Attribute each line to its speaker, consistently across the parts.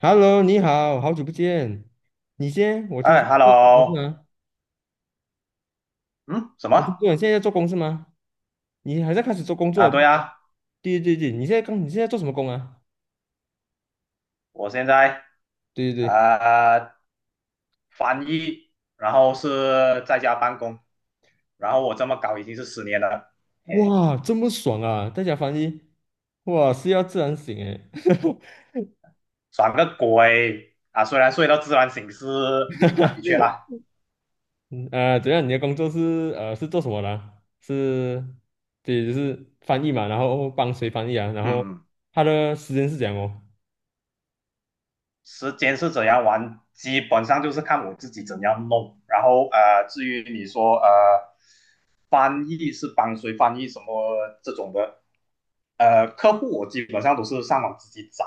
Speaker 1: Hello，你好，好久不见。你先，我听
Speaker 2: 哎
Speaker 1: 说最近不是
Speaker 2: ，hello，
Speaker 1: 吗？
Speaker 2: 嗯，什
Speaker 1: 我
Speaker 2: 么
Speaker 1: 听说你现在在做工是吗？你还在开始做工作
Speaker 2: 啊？
Speaker 1: 不是
Speaker 2: 对
Speaker 1: 吗？
Speaker 2: 啊，
Speaker 1: 对对对，你现在做什么工啊？
Speaker 2: 我现在
Speaker 1: 对对对，
Speaker 2: 呃翻译，然后是在家办公，然后我这么搞已经是10年了，哎，
Speaker 1: 哇，这么爽啊！在家翻译，哇，是要自然醒诶。
Speaker 2: 爽个鬼啊！虽然睡到自然醒是啊，的确啦，
Speaker 1: 啊，怎样？你的工作是是做什么的啊？是，对，就是翻译嘛，然后帮谁翻译啊？然后
Speaker 2: 嗯嗯，
Speaker 1: 他的时间是怎样哦。
Speaker 2: 时间是怎样玩，基本上就是看我自己怎样弄，然后至于你说翻译是帮谁翻译什么这种的，客户我基本上都是上网自己找。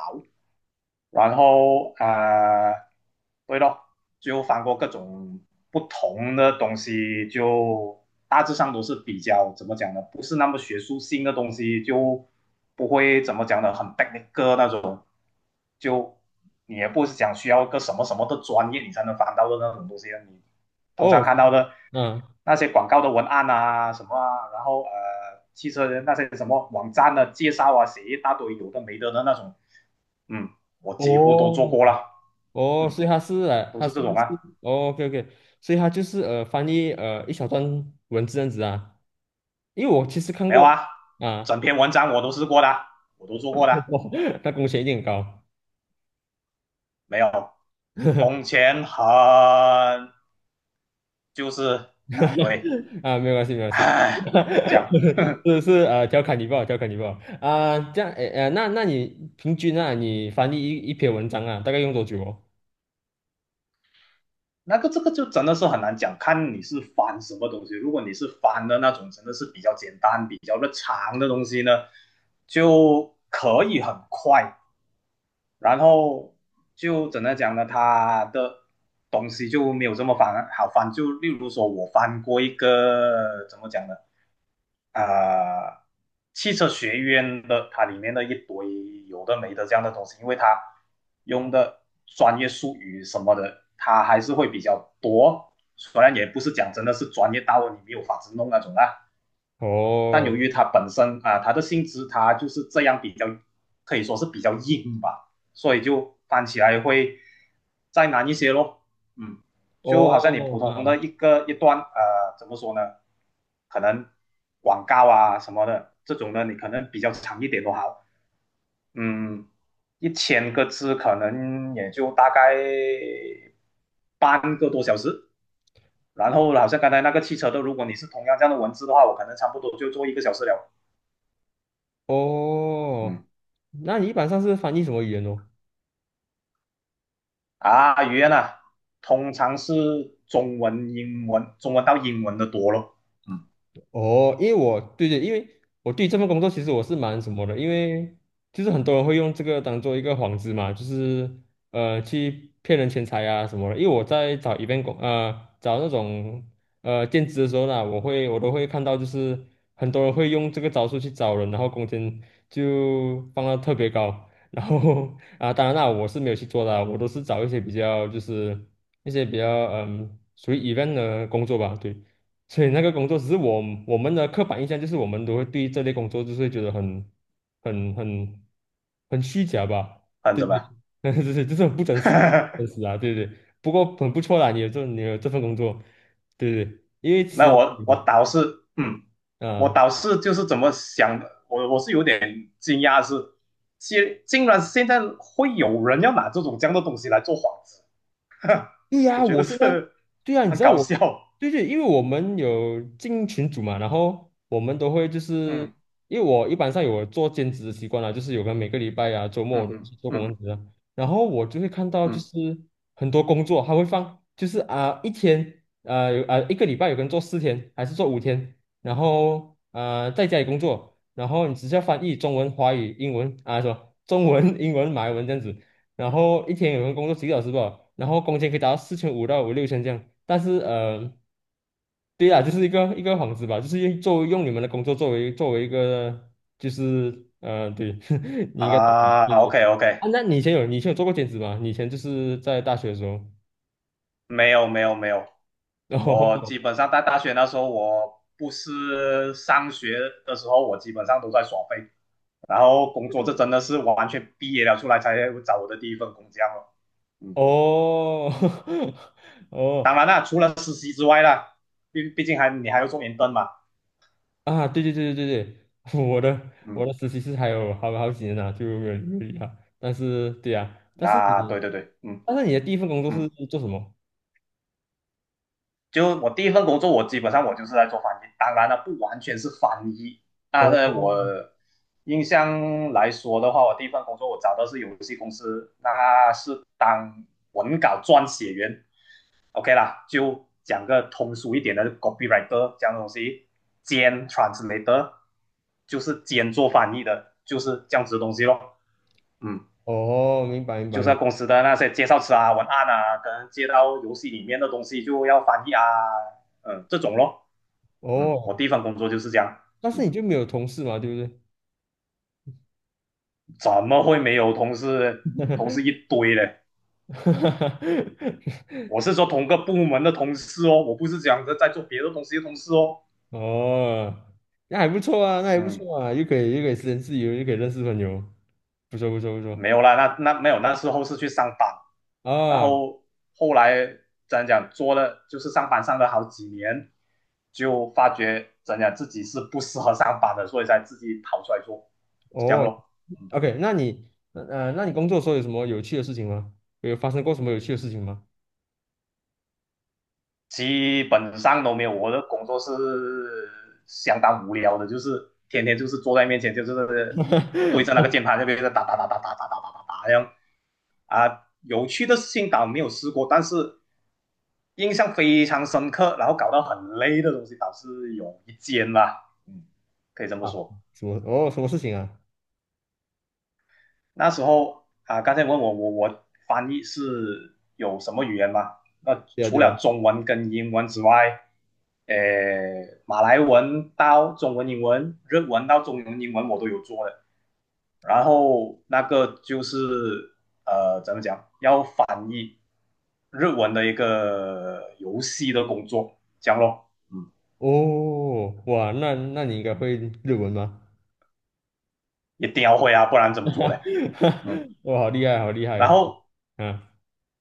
Speaker 2: 然后对咯，就翻过各种不同的东西，就大致上都是比较怎么讲呢？不是那么学术性的东西，就不会怎么讲呢，很 technical 那种，就你也不是讲需要一个什么什么的专业你才能翻到的那种东西啊。你通常
Speaker 1: 哦，
Speaker 2: 看到的
Speaker 1: 嗯，
Speaker 2: 那些广告的文案啊什么啊，然后汽车的那些什么网站的介绍啊，写一大堆有的没的的那种，嗯，我几乎都做
Speaker 1: 哦，
Speaker 2: 过了，
Speaker 1: 哦，
Speaker 2: 嗯，
Speaker 1: 所以他是来，
Speaker 2: 都
Speaker 1: 他
Speaker 2: 是
Speaker 1: 是
Speaker 2: 这种
Speaker 1: 就是
Speaker 2: 啊，
Speaker 1: 哦，OK OK，所以他就是翻译一小段文字这样子啊，因为我其实看
Speaker 2: 没有
Speaker 1: 过。
Speaker 2: 啊，整
Speaker 1: 啊，
Speaker 2: 篇文章我都试过的，我都做过的，
Speaker 1: 他工钱一定很高。
Speaker 2: 没有，工钱很就是啊，对，
Speaker 1: 啊，没有关系没有关系。
Speaker 2: 唉，讲。
Speaker 1: 是是调侃你不好，调侃你不好啊，这样诶。那那你平均啊，你翻译一篇文章啊大概用多久哦？
Speaker 2: 那个这个就真的是很难讲，看你是翻什么东西。如果你是翻的那种，真的是比较简单、比较的长的东西呢，就可以很快。然后就怎么讲呢？他的东西就没有这么翻好翻。就例如说，我翻过一个怎么讲呢？呃，汽车学院的它里面的一堆有的没的这样的东西，因为它用的专业术语什么的，它还是会比较多。虽然也不是讲真的是专业到你没有法子弄那种啊，但
Speaker 1: 哦
Speaker 2: 由于它本身它的性质它就是这样比较，可以说是比较硬吧，所以就翻起来会再难一些咯。嗯，就好像你普
Speaker 1: 哦啊
Speaker 2: 通的一个一段怎么说呢？可能广告啊什么的这种呢，你可能比较长一点都好。嗯，1000个字可能也就大概半个多小时。然后好像刚才那个汽车的，如果你是同样这样的文字的话，我可能差不多就做1个小时了。
Speaker 1: 哦，
Speaker 2: 嗯，
Speaker 1: 那你一般上是翻译什么语言哦？
Speaker 2: 啊，语言啊，通常是中文、英文，中文到英文的多咯。嗯，
Speaker 1: 哦，因为我对对，因为我对这份工作其实我是蛮什么的，因为就是很多人会用这个当做一个幌子嘛，就是去骗人钱财啊什么的。因为我在找一 v 工找那种兼职的时候呢，我都会看到，就是很多人会用这个招数去找人，然后工钱就放到特别高。然后 啊，当然啦，我是没有去做的啊，我都是找一些比较就是一些比较嗯属于 event 的工作吧，对。所以那个工作只是我，我们的刻板印象就是我们都会对这类工作就是会觉得很很很虚假吧？
Speaker 2: 很看
Speaker 1: 对
Speaker 2: 着
Speaker 1: 对，
Speaker 2: 吧。
Speaker 1: 就是就是很不真实的，真实 啊，对对。不过很不错啦，你有这份工作，对对，因为私
Speaker 2: 那
Speaker 1: 人
Speaker 2: 我倒是，我
Speaker 1: 啊。
Speaker 2: 倒是就是怎么想的，我是有点惊讶是，竟竟然现在会有人要拿这种这样的东西来做幌子，
Speaker 1: 对
Speaker 2: 我
Speaker 1: 呀，
Speaker 2: 觉
Speaker 1: 我
Speaker 2: 得
Speaker 1: 现在，
Speaker 2: 是
Speaker 1: 对呀，你知
Speaker 2: 很
Speaker 1: 道
Speaker 2: 搞
Speaker 1: 我，
Speaker 2: 笑。
Speaker 1: 对对，因为我们有进群组嘛，然后我们都会就是，
Speaker 2: 嗯
Speaker 1: 因为我一般上有做兼职的习惯啦，就是有个每个礼拜啊、周末
Speaker 2: 嗯
Speaker 1: 我都
Speaker 2: 嗯
Speaker 1: 是做工
Speaker 2: 嗯
Speaker 1: 职啊，然后我就会看到就
Speaker 2: 嗯
Speaker 1: 是很多工作他会放，就是啊、一天啊有啊、一个礼拜有个人做4天还是做5天，然后啊、在家里工作，然后你只需要翻译中文、华语、英文啊什么中文、英文、马来文这样子。然后一天有人工作几个小时吧，然后工钱可以达到4500到5、6千这样。但是对呀，就是一个幌子吧，就是用作为用你们的工作作为一个就是，对，你应该懂的。
Speaker 2: 啊
Speaker 1: 对
Speaker 2: ，OK
Speaker 1: 对。啊，
Speaker 2: OK，
Speaker 1: 那你以前有做过兼职吗？你以前就是在大学的时候，
Speaker 2: 没有没有没有，我 基本上在大学那时候，我不是上学的时候，我基本上都在耍废，然后工作这真的是完全毕业了出来才找我的第一份工这样了嗯，
Speaker 1: 哦哦
Speaker 2: 当
Speaker 1: 哦。
Speaker 2: 然啦，除了实习之外啦，毕竟还你还要做研份嘛。
Speaker 1: 啊，对对对对对对，
Speaker 2: 嗯，
Speaker 1: 我的实习是还有好几年呢，就没有没有理他。但是对呀、但是
Speaker 2: 那对对对，嗯
Speaker 1: 但是你的第一份工作是
Speaker 2: 嗯。
Speaker 1: 做什么？
Speaker 2: 就我第一份工作，我基本上我就是在做翻译，当然了，不完全是翻译，但是我
Speaker 1: 哦
Speaker 2: 印象来说的话，我第一份工作我找的是游戏公司，那是当文稿撰写员，OK 啦，就讲个通俗一点的 copywriter 这样的东西，兼 translator 就是兼做翻译的，就是这样子的东西咯，嗯。
Speaker 1: 哦，明白明
Speaker 2: 就是
Speaker 1: 白。
Speaker 2: 在公司的那些介绍词啊、文案啊，可能接到游戏里面的东西就要翻译啊，嗯，这种咯。嗯，我
Speaker 1: 哦，
Speaker 2: 第一份工作就是这样。
Speaker 1: 但是
Speaker 2: 嗯，
Speaker 1: 你就没有同事嘛，对不对？
Speaker 2: 怎么会没有同事？同事一堆嘞。我是说同个部门的同事哦，我不是讲着在做别的东西的同事哦。
Speaker 1: 哦，那还不错啊，那还不
Speaker 2: 嗯，
Speaker 1: 错啊，又可以时间自由，又可以认识朋友，不错不错不错
Speaker 2: 没有啦，那没有，那时候是去上班，然
Speaker 1: 啊。
Speaker 2: 后后来怎样讲做了，就是上班上了好几年，就发觉怎样讲自己是不适合上班的，所以才自己跑出来做，这样
Speaker 1: 哦
Speaker 2: 咯。嗯。
Speaker 1: ，OK，那那你工作的时候有什么有趣的事情吗？有发生过什么有趣的事情吗？
Speaker 2: 基本上都没有。我的工作是相当无聊的，就是天天就是坐在面前，就是对着那个键盘那边打打打打打打打打打打这样。啊，有趣的事情倒没有试过，但是印象非常深刻，然后搞到很累的东西倒是有一间啦，嗯，可以这么
Speaker 1: 啊，
Speaker 2: 说。
Speaker 1: 什么？哦，什么事情啊？
Speaker 2: 那时候啊，刚才问我我翻译是有什么语言吗？那
Speaker 1: 对啊，
Speaker 2: 除
Speaker 1: 对
Speaker 2: 了
Speaker 1: 啊。
Speaker 2: 中文跟英文之外，呃，马来文到中文、英文、日文到中文、英文我都有做的。然后那个就是怎么讲，要翻译日文的一个游戏的工作，这样咯。嗯，
Speaker 1: 哦，哇，那那你应该会日文吗？
Speaker 2: 一定要会啊，不然怎么做嘞？嗯，
Speaker 1: 哇，好厉害，好厉害。
Speaker 2: 然后
Speaker 1: 啊，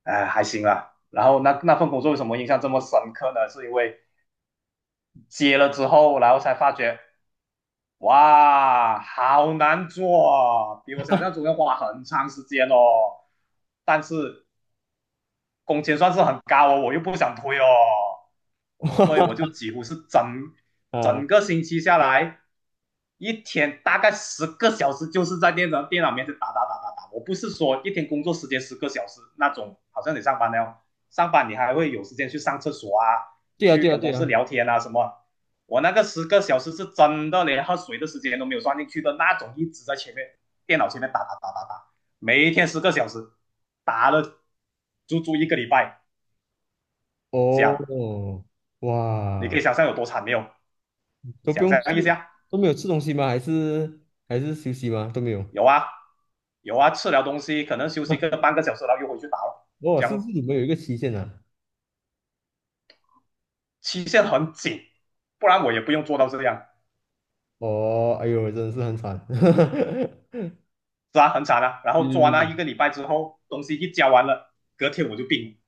Speaker 2: 还行啦。然后那份工作为什么印象这么深刻呢？是因为接了之后，然后才发觉，哇，好难做啊，比我想象中要花很长时间哦。但是工钱算是很高哦，我又不想推哦，所以我就 几乎是
Speaker 1: 啊，
Speaker 2: 整个星期下来，一天大概十个小时就是在电脑面前打打打打打。我不是说一天工作时间十个小时那种，好像你上班那样，上班你还会有时间去上厕所啊，
Speaker 1: 对啊，
Speaker 2: 去
Speaker 1: 对啊，
Speaker 2: 跟
Speaker 1: 对
Speaker 2: 同事
Speaker 1: 啊。
Speaker 2: 聊天啊什么。我那个十个小时是真的连喝水的时间都没有算进去的那种，一直在前面电脑前面打打打打打。每一天十个小时，打了足足一个礼拜，这样
Speaker 1: 哦，
Speaker 2: 你可以
Speaker 1: 哇，
Speaker 2: 想象有多惨没有？
Speaker 1: 都不
Speaker 2: 想
Speaker 1: 用
Speaker 2: 象
Speaker 1: 吃，
Speaker 2: 一下，
Speaker 1: 都没有吃东西吗？还是还是休息吗？都没有。
Speaker 2: 有啊，有啊，吃了东西可能休息个半个小时，然后又回去打了，
Speaker 1: 哦，
Speaker 2: 这
Speaker 1: 是不是
Speaker 2: 样
Speaker 1: 你们有一个期限啊？
Speaker 2: 期限很紧，不然我也不用做到这样，
Speaker 1: 哦，哎呦，真的是很惨。
Speaker 2: 是啊，很惨啊。然
Speaker 1: 是
Speaker 2: 后做完
Speaker 1: 是
Speaker 2: 了
Speaker 1: 是
Speaker 2: 一个礼拜之后，东西一交完了，隔天我就病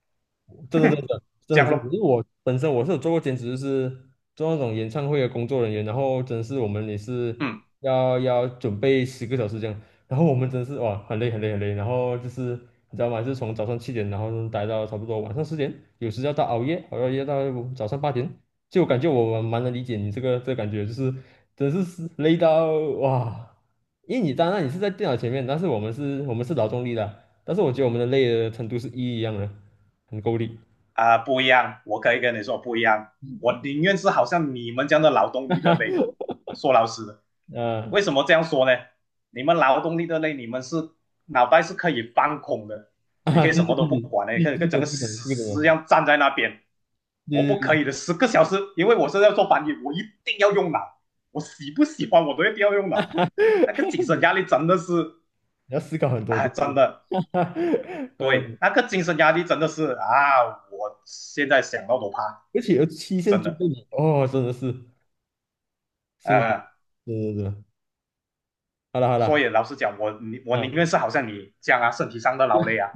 Speaker 1: 真
Speaker 2: 了，
Speaker 1: 的真的真的
Speaker 2: 这
Speaker 1: 很
Speaker 2: 样
Speaker 1: 辛
Speaker 2: 咯，
Speaker 1: 苦，因为我本身我是有做过兼职，就是做那种演唱会的工作人员，然后真的是我们也是
Speaker 2: 嗯。
Speaker 1: 要准备10个小时这样，然后我们真的是哇很累很累很累，然后就是你知道吗？就是从早上7点，然后待到差不多晚上10点，有时要到熬夜，熬到夜到早上8点，就我感觉我蛮能理解你这个感觉，就是真的是累到哇，因为当然你是在电脑前面，但是我们是劳动力的，但是我觉得我们的累的程度是一样的，很够力。
Speaker 2: 不一样，我可以跟你说不一样，我宁愿是好像你们这样的劳动力的累，说老实的，为
Speaker 1: 嗯
Speaker 2: 什么这样说呢？你们劳动力的累，你们是脑袋是可以放空的，你
Speaker 1: 啊，
Speaker 2: 可以
Speaker 1: 对
Speaker 2: 什
Speaker 1: 对
Speaker 2: 么都
Speaker 1: 对
Speaker 2: 不
Speaker 1: 对，
Speaker 2: 管的，你
Speaker 1: 对
Speaker 2: 可以
Speaker 1: 这
Speaker 2: 跟整
Speaker 1: 个
Speaker 2: 个
Speaker 1: 这个懂，这个
Speaker 2: 死尸一
Speaker 1: 懂，
Speaker 2: 样站在那边。我
Speaker 1: 对
Speaker 2: 不
Speaker 1: 对
Speaker 2: 可
Speaker 1: 对。
Speaker 2: 以的，十个小时，因为我是要做翻译，我一定要用脑，我喜不喜欢我都一定要用脑。那个精神压力真的是，
Speaker 1: 你要思考很多，
Speaker 2: 啊，
Speaker 1: 对不
Speaker 2: 真
Speaker 1: 对？
Speaker 2: 的，
Speaker 1: 哈。呃，
Speaker 2: 对，那个精神压力真的是啊，我现在想到都怕，
Speaker 1: 而且有期限
Speaker 2: 真
Speaker 1: 追
Speaker 2: 的。
Speaker 1: 着你，哦，真的是辛苦，
Speaker 2: 呃，
Speaker 1: 对对对，好了好
Speaker 2: 所
Speaker 1: 了。
Speaker 2: 以老实讲，我
Speaker 1: 啊
Speaker 2: 宁愿是好像你这样啊，身体上的劳累啊，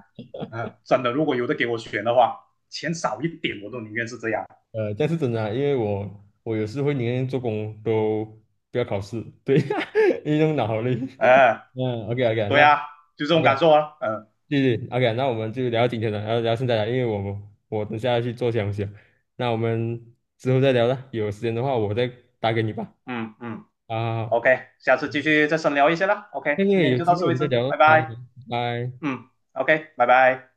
Speaker 2: 真的，如果有的给我选的话，钱少一点我都宁愿是这样。
Speaker 1: 但是真的啊，因为我我有时会宁愿做工都不要考试，对。因为那种脑力。
Speaker 2: 呃，
Speaker 1: 嗯，OK OK，
Speaker 2: 对
Speaker 1: 那
Speaker 2: 啊，就这种
Speaker 1: OK，
Speaker 2: 感受啊，嗯
Speaker 1: 对对，OK，那我们就聊到今天了，然后聊到现在了，因为我等下要去做东西了，那我们之后再聊了，有时间的话我再打给你吧。
Speaker 2: 嗯嗯
Speaker 1: 啊，
Speaker 2: ，OK，下次继
Speaker 1: 嗯，
Speaker 2: 续再深聊一些啦。OK，
Speaker 1: 那
Speaker 2: 今
Speaker 1: 个
Speaker 2: 天
Speaker 1: 有
Speaker 2: 就到
Speaker 1: 机会
Speaker 2: 此
Speaker 1: 我
Speaker 2: 为
Speaker 1: 们再
Speaker 2: 止，
Speaker 1: 聊啊，
Speaker 2: 拜拜。
Speaker 1: 拜拜。
Speaker 2: 嗯，OK，拜拜。